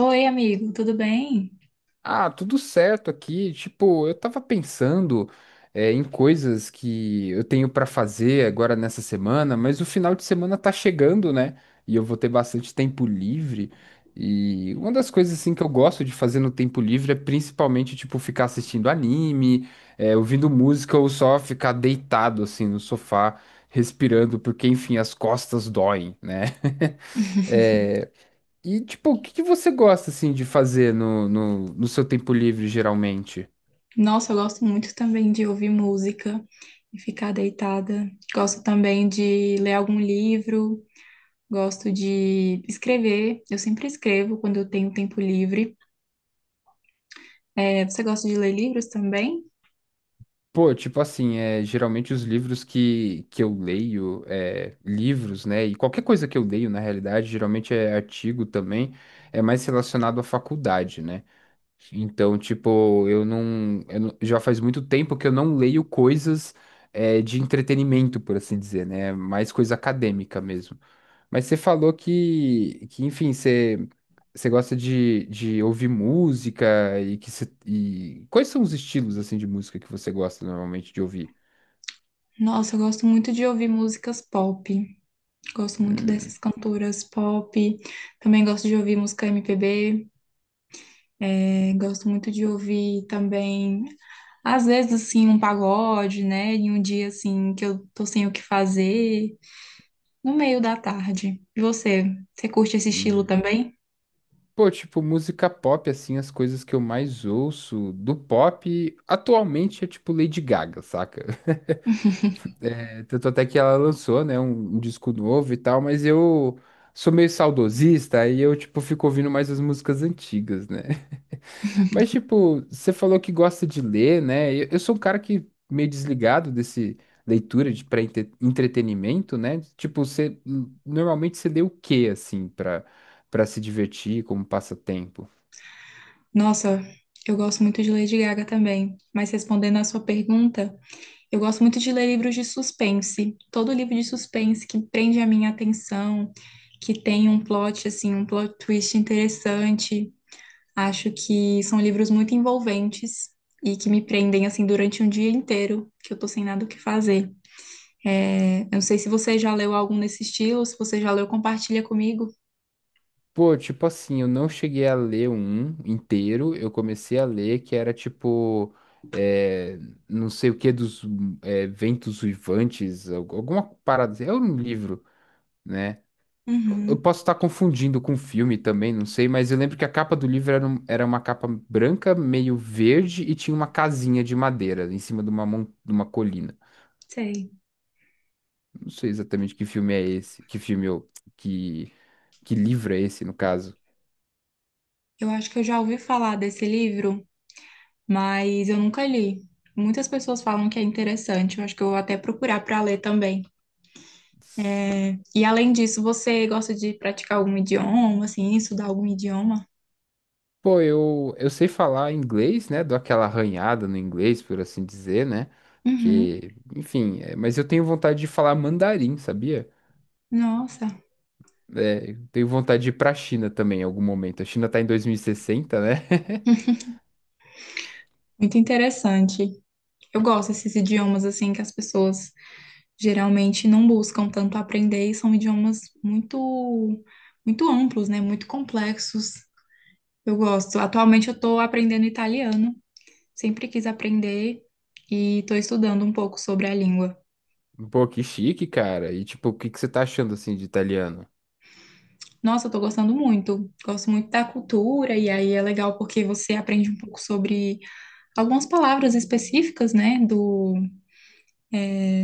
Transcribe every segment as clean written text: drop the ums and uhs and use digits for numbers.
Oi, amigo, tudo bem? Ah, tudo certo aqui. Tipo, eu tava pensando, em coisas que eu tenho pra fazer agora nessa semana, mas o final de semana tá chegando, né? E eu vou ter bastante tempo livre. E uma das coisas assim que eu gosto de fazer no tempo livre é principalmente tipo ficar assistindo anime, ouvindo música ou só ficar deitado assim no sofá, respirando, porque enfim, as costas doem, né? É, e, tipo, o que que você gosta, assim, de fazer no seu tempo livre, geralmente? Nossa, eu gosto muito também de ouvir música e ficar deitada. Gosto também de ler algum livro, gosto de escrever. Eu sempre escrevo quando eu tenho tempo livre. É, você gosta de ler livros também? Pô, tipo assim, geralmente os livros que eu leio, livros, né, e qualquer coisa que eu leio, na realidade, geralmente é artigo também, é mais relacionado à faculdade, né? Então, tipo, eu não- já faz muito tempo que eu não leio coisas, de entretenimento, por assim dizer, né? É, mais coisa acadêmica mesmo. Mas você falou que, enfim, você. Você gosta de ouvir música e quais são os estilos assim de música que você gosta normalmente de ouvir? Nossa, eu gosto muito de ouvir músicas pop. Gosto muito dessas Hum. cantoras pop. Também gosto de ouvir música MPB. É, gosto muito de ouvir também às vezes, assim, um pagode, né? Em um dia, assim, que eu tô sem o que fazer, no meio da tarde. E você? Você curte esse estilo Hum. também? Pô, tipo, música pop, assim, as coisas que eu mais ouço do pop atualmente é tipo Lady Gaga, saca? É, tanto até que ela lançou, né, um disco novo e tal, mas eu sou meio saudosista, aí eu, tipo, fico ouvindo mais as músicas antigas, né? Mas, tipo, você falou que gosta de ler, né? Eu sou um cara que meio desligado desse leitura de para entretenimento, né? Tipo, você normalmente você lê o quê assim para se divertir como passatempo? Nossa, eu gosto muito de Lady Gaga também. Mas respondendo à sua pergunta, eu gosto muito de ler livros de suspense. Todo livro de suspense que prende a minha atenção, que tem um plot, assim, um plot twist interessante. Acho que são livros muito envolventes e que me prendem, assim, durante um dia inteiro, que eu tô sem nada o que fazer. É, eu não sei se você já leu algum nesse estilo, se você já leu, compartilha comigo. Pô, tipo assim, eu não cheguei a ler um inteiro, eu comecei a ler que era tipo é, não sei o que dos ventos uivantes, alguma parada assim. É um livro, né? Eu Uhum, posso estar confundindo com o filme também, não sei, mas eu lembro que a capa do livro era, era uma capa branca, meio verde, e tinha uma casinha de madeira em cima de de uma colina. sei. Não sei exatamente que, que livro é esse, no caso. Eu acho que eu já ouvi falar desse livro, mas eu nunca li. Muitas pessoas falam que é interessante, eu acho que eu vou até procurar para ler também. E além disso, você gosta de praticar algum idioma, assim, estudar algum idioma? Pô, eu sei falar inglês, né? Dou aquela arranhada no inglês, por assim dizer, né? Uhum. Porque, enfim, mas eu tenho vontade de falar mandarim, sabia? Nossa, É, eu tenho vontade de ir pra China também em algum momento. A China tá em 2060, né? muito interessante. Eu gosto desses idiomas assim que as pessoas geralmente não buscam tanto aprender e são idiomas muito, muito amplos, né? Muito complexos. Eu gosto. Atualmente eu estou aprendendo italiano, sempre quis aprender e estou estudando um pouco sobre a língua. Pô, que chique, cara. E tipo, o que que você tá achando assim de italiano? Nossa, eu tô gostando muito. Gosto muito da cultura, e aí é legal porque você aprende um pouco sobre algumas palavras específicas, né? Do,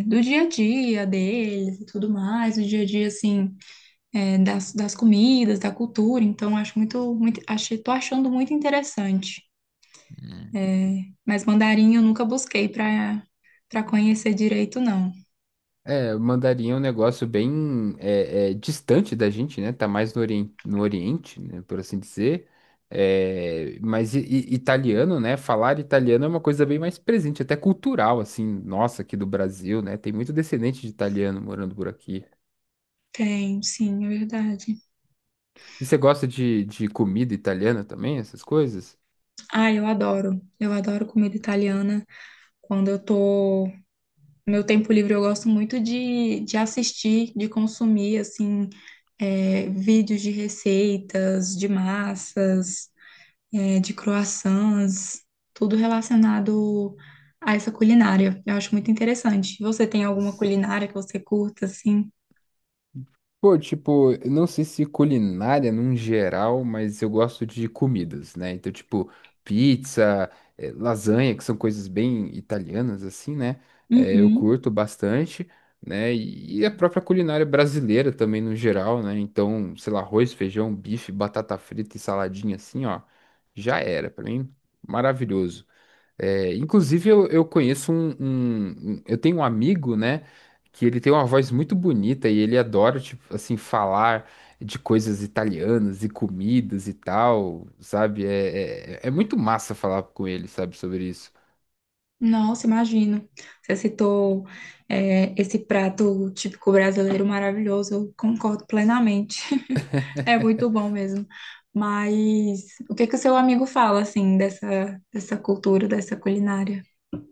do dia a dia deles e tudo mais. O dia a dia, assim, das comidas, da cultura, então acho muito, muito achei, tô achando muito interessante. Hum. Mas mandarim eu nunca busquei para conhecer direito, não. É, o mandarim é um negócio bem distante da gente, né? Tá mais no Oriente, no Oriente, né? Por assim dizer. É, mas italiano, né? Falar italiano é uma coisa bem mais presente, até cultural, assim, nossa, aqui do Brasil, né? Tem muito descendente de italiano morando por aqui. Tem, sim, é verdade. E você gosta de comida italiana também, essas coisas? Ah, eu adoro. Eu adoro comida italiana. Quando eu tô no meu tempo livre, eu gosto muito de assistir, de consumir, assim, é, vídeos de receitas, de massas, é, de croissants, tudo relacionado a essa culinária. Eu acho muito interessante. Você tem alguma culinária que você curta, assim? Pô, tipo, eu não sei se culinária num geral, mas eu gosto de comidas, né? Então, tipo, pizza, eh, lasanha, que são coisas bem italianas, assim, né? Eh, eu Uhum. curto bastante, né? E a própria culinária brasileira também no geral, né? Então, sei lá, arroz, feijão, bife, batata frita e saladinha assim, ó. Já era, pra mim, maravilhoso. É, inclusive, eu conheço um, eu tenho um amigo, né? Que ele tem uma voz muito bonita e ele adora, tipo, assim, falar de coisas italianas e comidas e tal, sabe? É muito massa falar com ele, sabe, sobre isso. Nossa, imagino. Você citou, é, esse prato típico brasileiro maravilhoso. Eu concordo plenamente. É muito bom mesmo. Mas o que que o seu amigo fala, assim, dessa cultura, dessa culinária?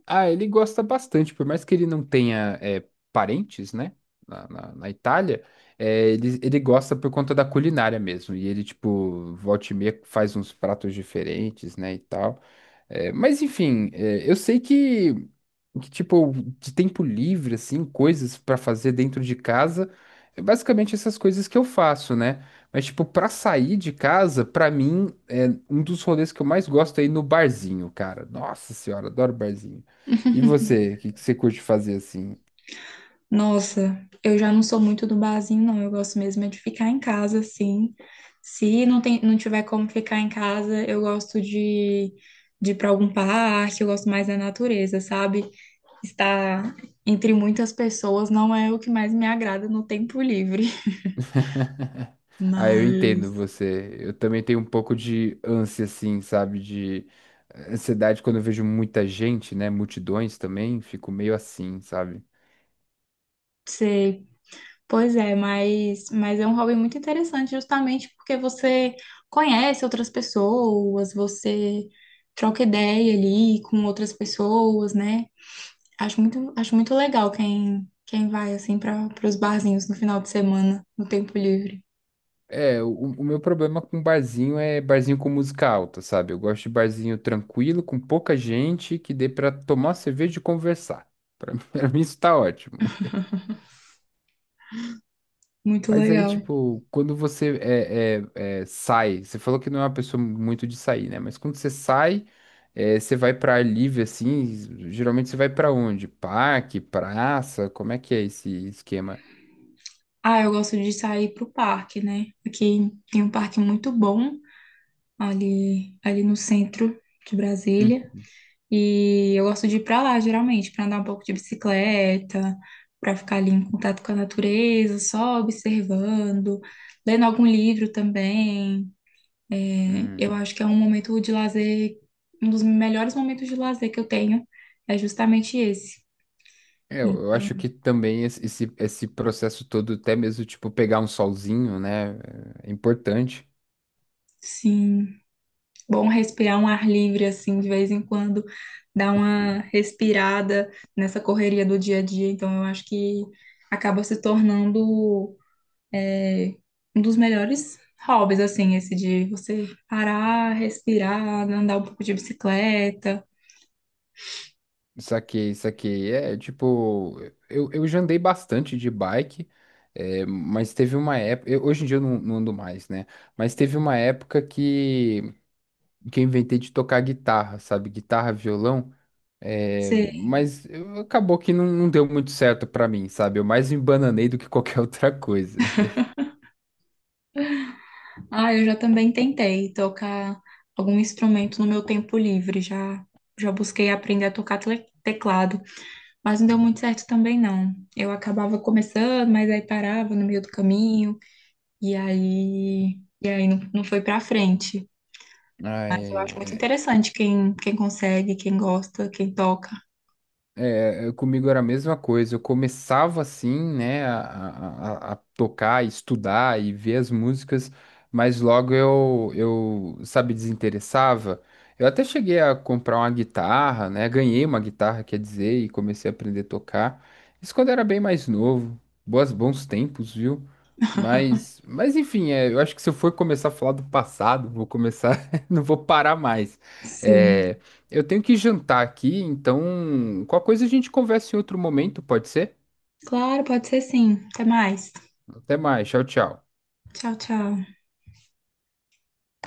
Ah, ele gosta bastante, por mais que ele não tenha parentes, né, na Itália, ele gosta por conta da culinária mesmo, e ele, tipo, volta e meia faz uns pratos diferentes, né, e tal. É, mas, enfim, eu sei tipo, de tempo livre, assim, coisas pra fazer dentro de casa, é basicamente essas coisas que eu faço, né? Mas, tipo, pra sair de casa, pra mim, é um dos rolês que eu mais gosto é ir no barzinho, cara. Nossa senhora, adoro barzinho. E você, o que que você curte fazer assim? Nossa, eu já não sou muito do barzinho, não. Eu gosto mesmo é de ficar em casa, sim. Se não tem, não tiver como ficar em casa, eu gosto de ir para algum parque, eu gosto mais da natureza, sabe? Estar entre muitas pessoas não é o que mais me agrada no tempo livre. Ah, eu entendo Mas, você. Eu também tenho um pouco de ânsia, assim, sabe? De ansiedade quando eu vejo muita gente, né? Multidões também, fico meio assim, sabe? sei. Pois é, mas é um hobby muito interessante, justamente porque você conhece outras pessoas, você troca ideia ali com outras pessoas, né? Acho muito legal quem, quem vai assim para os barzinhos no final de semana, no tempo livre. É, o meu problema com barzinho é barzinho com música alta, sabe? Eu gosto de barzinho tranquilo, com pouca gente, que dê pra tomar cerveja e conversar. Pra mim, pra mim isso tá ótimo, né? Muito Mas aí, legal. tipo, quando você sai, você falou que não é uma pessoa muito de sair, né? Mas quando você sai, você vai pra ar livre, assim, geralmente você vai pra onde? Parque, praça, como é que é esse esquema? Ah, eu gosto de sair pro parque, né? Aqui tem um parque muito bom ali, ali no centro de Hum. Brasília. E eu gosto de ir pra lá, geralmente, para andar um pouco de bicicleta, para ficar ali em contato com a natureza, só observando, lendo algum livro também. Né? Eu Hum. acho que é um momento de lazer, um dos melhores momentos de lazer que eu tenho é justamente esse. É, eu Então, acho que também esse processo todo, até mesmo, tipo, pegar um solzinho, né, é importante. sim, bom respirar um ar livre assim de vez em quando, dar uma respirada nessa correria do dia a dia. Então, eu acho que acaba se tornando é, um dos melhores hobbies assim, esse de você parar, respirar, andar um pouco de bicicleta. Saquei, saquei. É, tipo, eu já andei bastante de bike, mas teve uma época, hoje em dia eu não ando mais, né, mas teve uma época que eu inventei de tocar guitarra, sabe, guitarra, violão, Você acabou que não deu muito certo pra mim, sabe, eu mais me embananei do que qualquer outra coisa. ah, eu já também tentei tocar algum instrumento no meu tempo livre. Já, já busquei aprender a tocar teclado, mas não deu muito certo também não. Eu acabava começando, mas aí parava no meio do caminho e aí não, não foi pra frente. Eu acho muito Ai, interessante quem consegue, quem gosta, quem toca. É, comigo era a mesma coisa. Eu começava assim, né, a tocar, estudar e ver as músicas, mas logo eu, sabe, desinteressava. Eu até cheguei a comprar uma guitarra, né, ganhei uma guitarra, quer dizer, e comecei a aprender a tocar. Isso quando era bem mais novo. Bons tempos, viu? Mas, enfim, eu acho que se eu for começar a falar do passado, vou começar, não vou parar mais. É, Sim. eu tenho que jantar aqui, então qualquer coisa a gente conversa em outro momento, pode ser? Claro, pode ser sim. Até mais. Até mais, tchau, tchau. Tchau, tchau.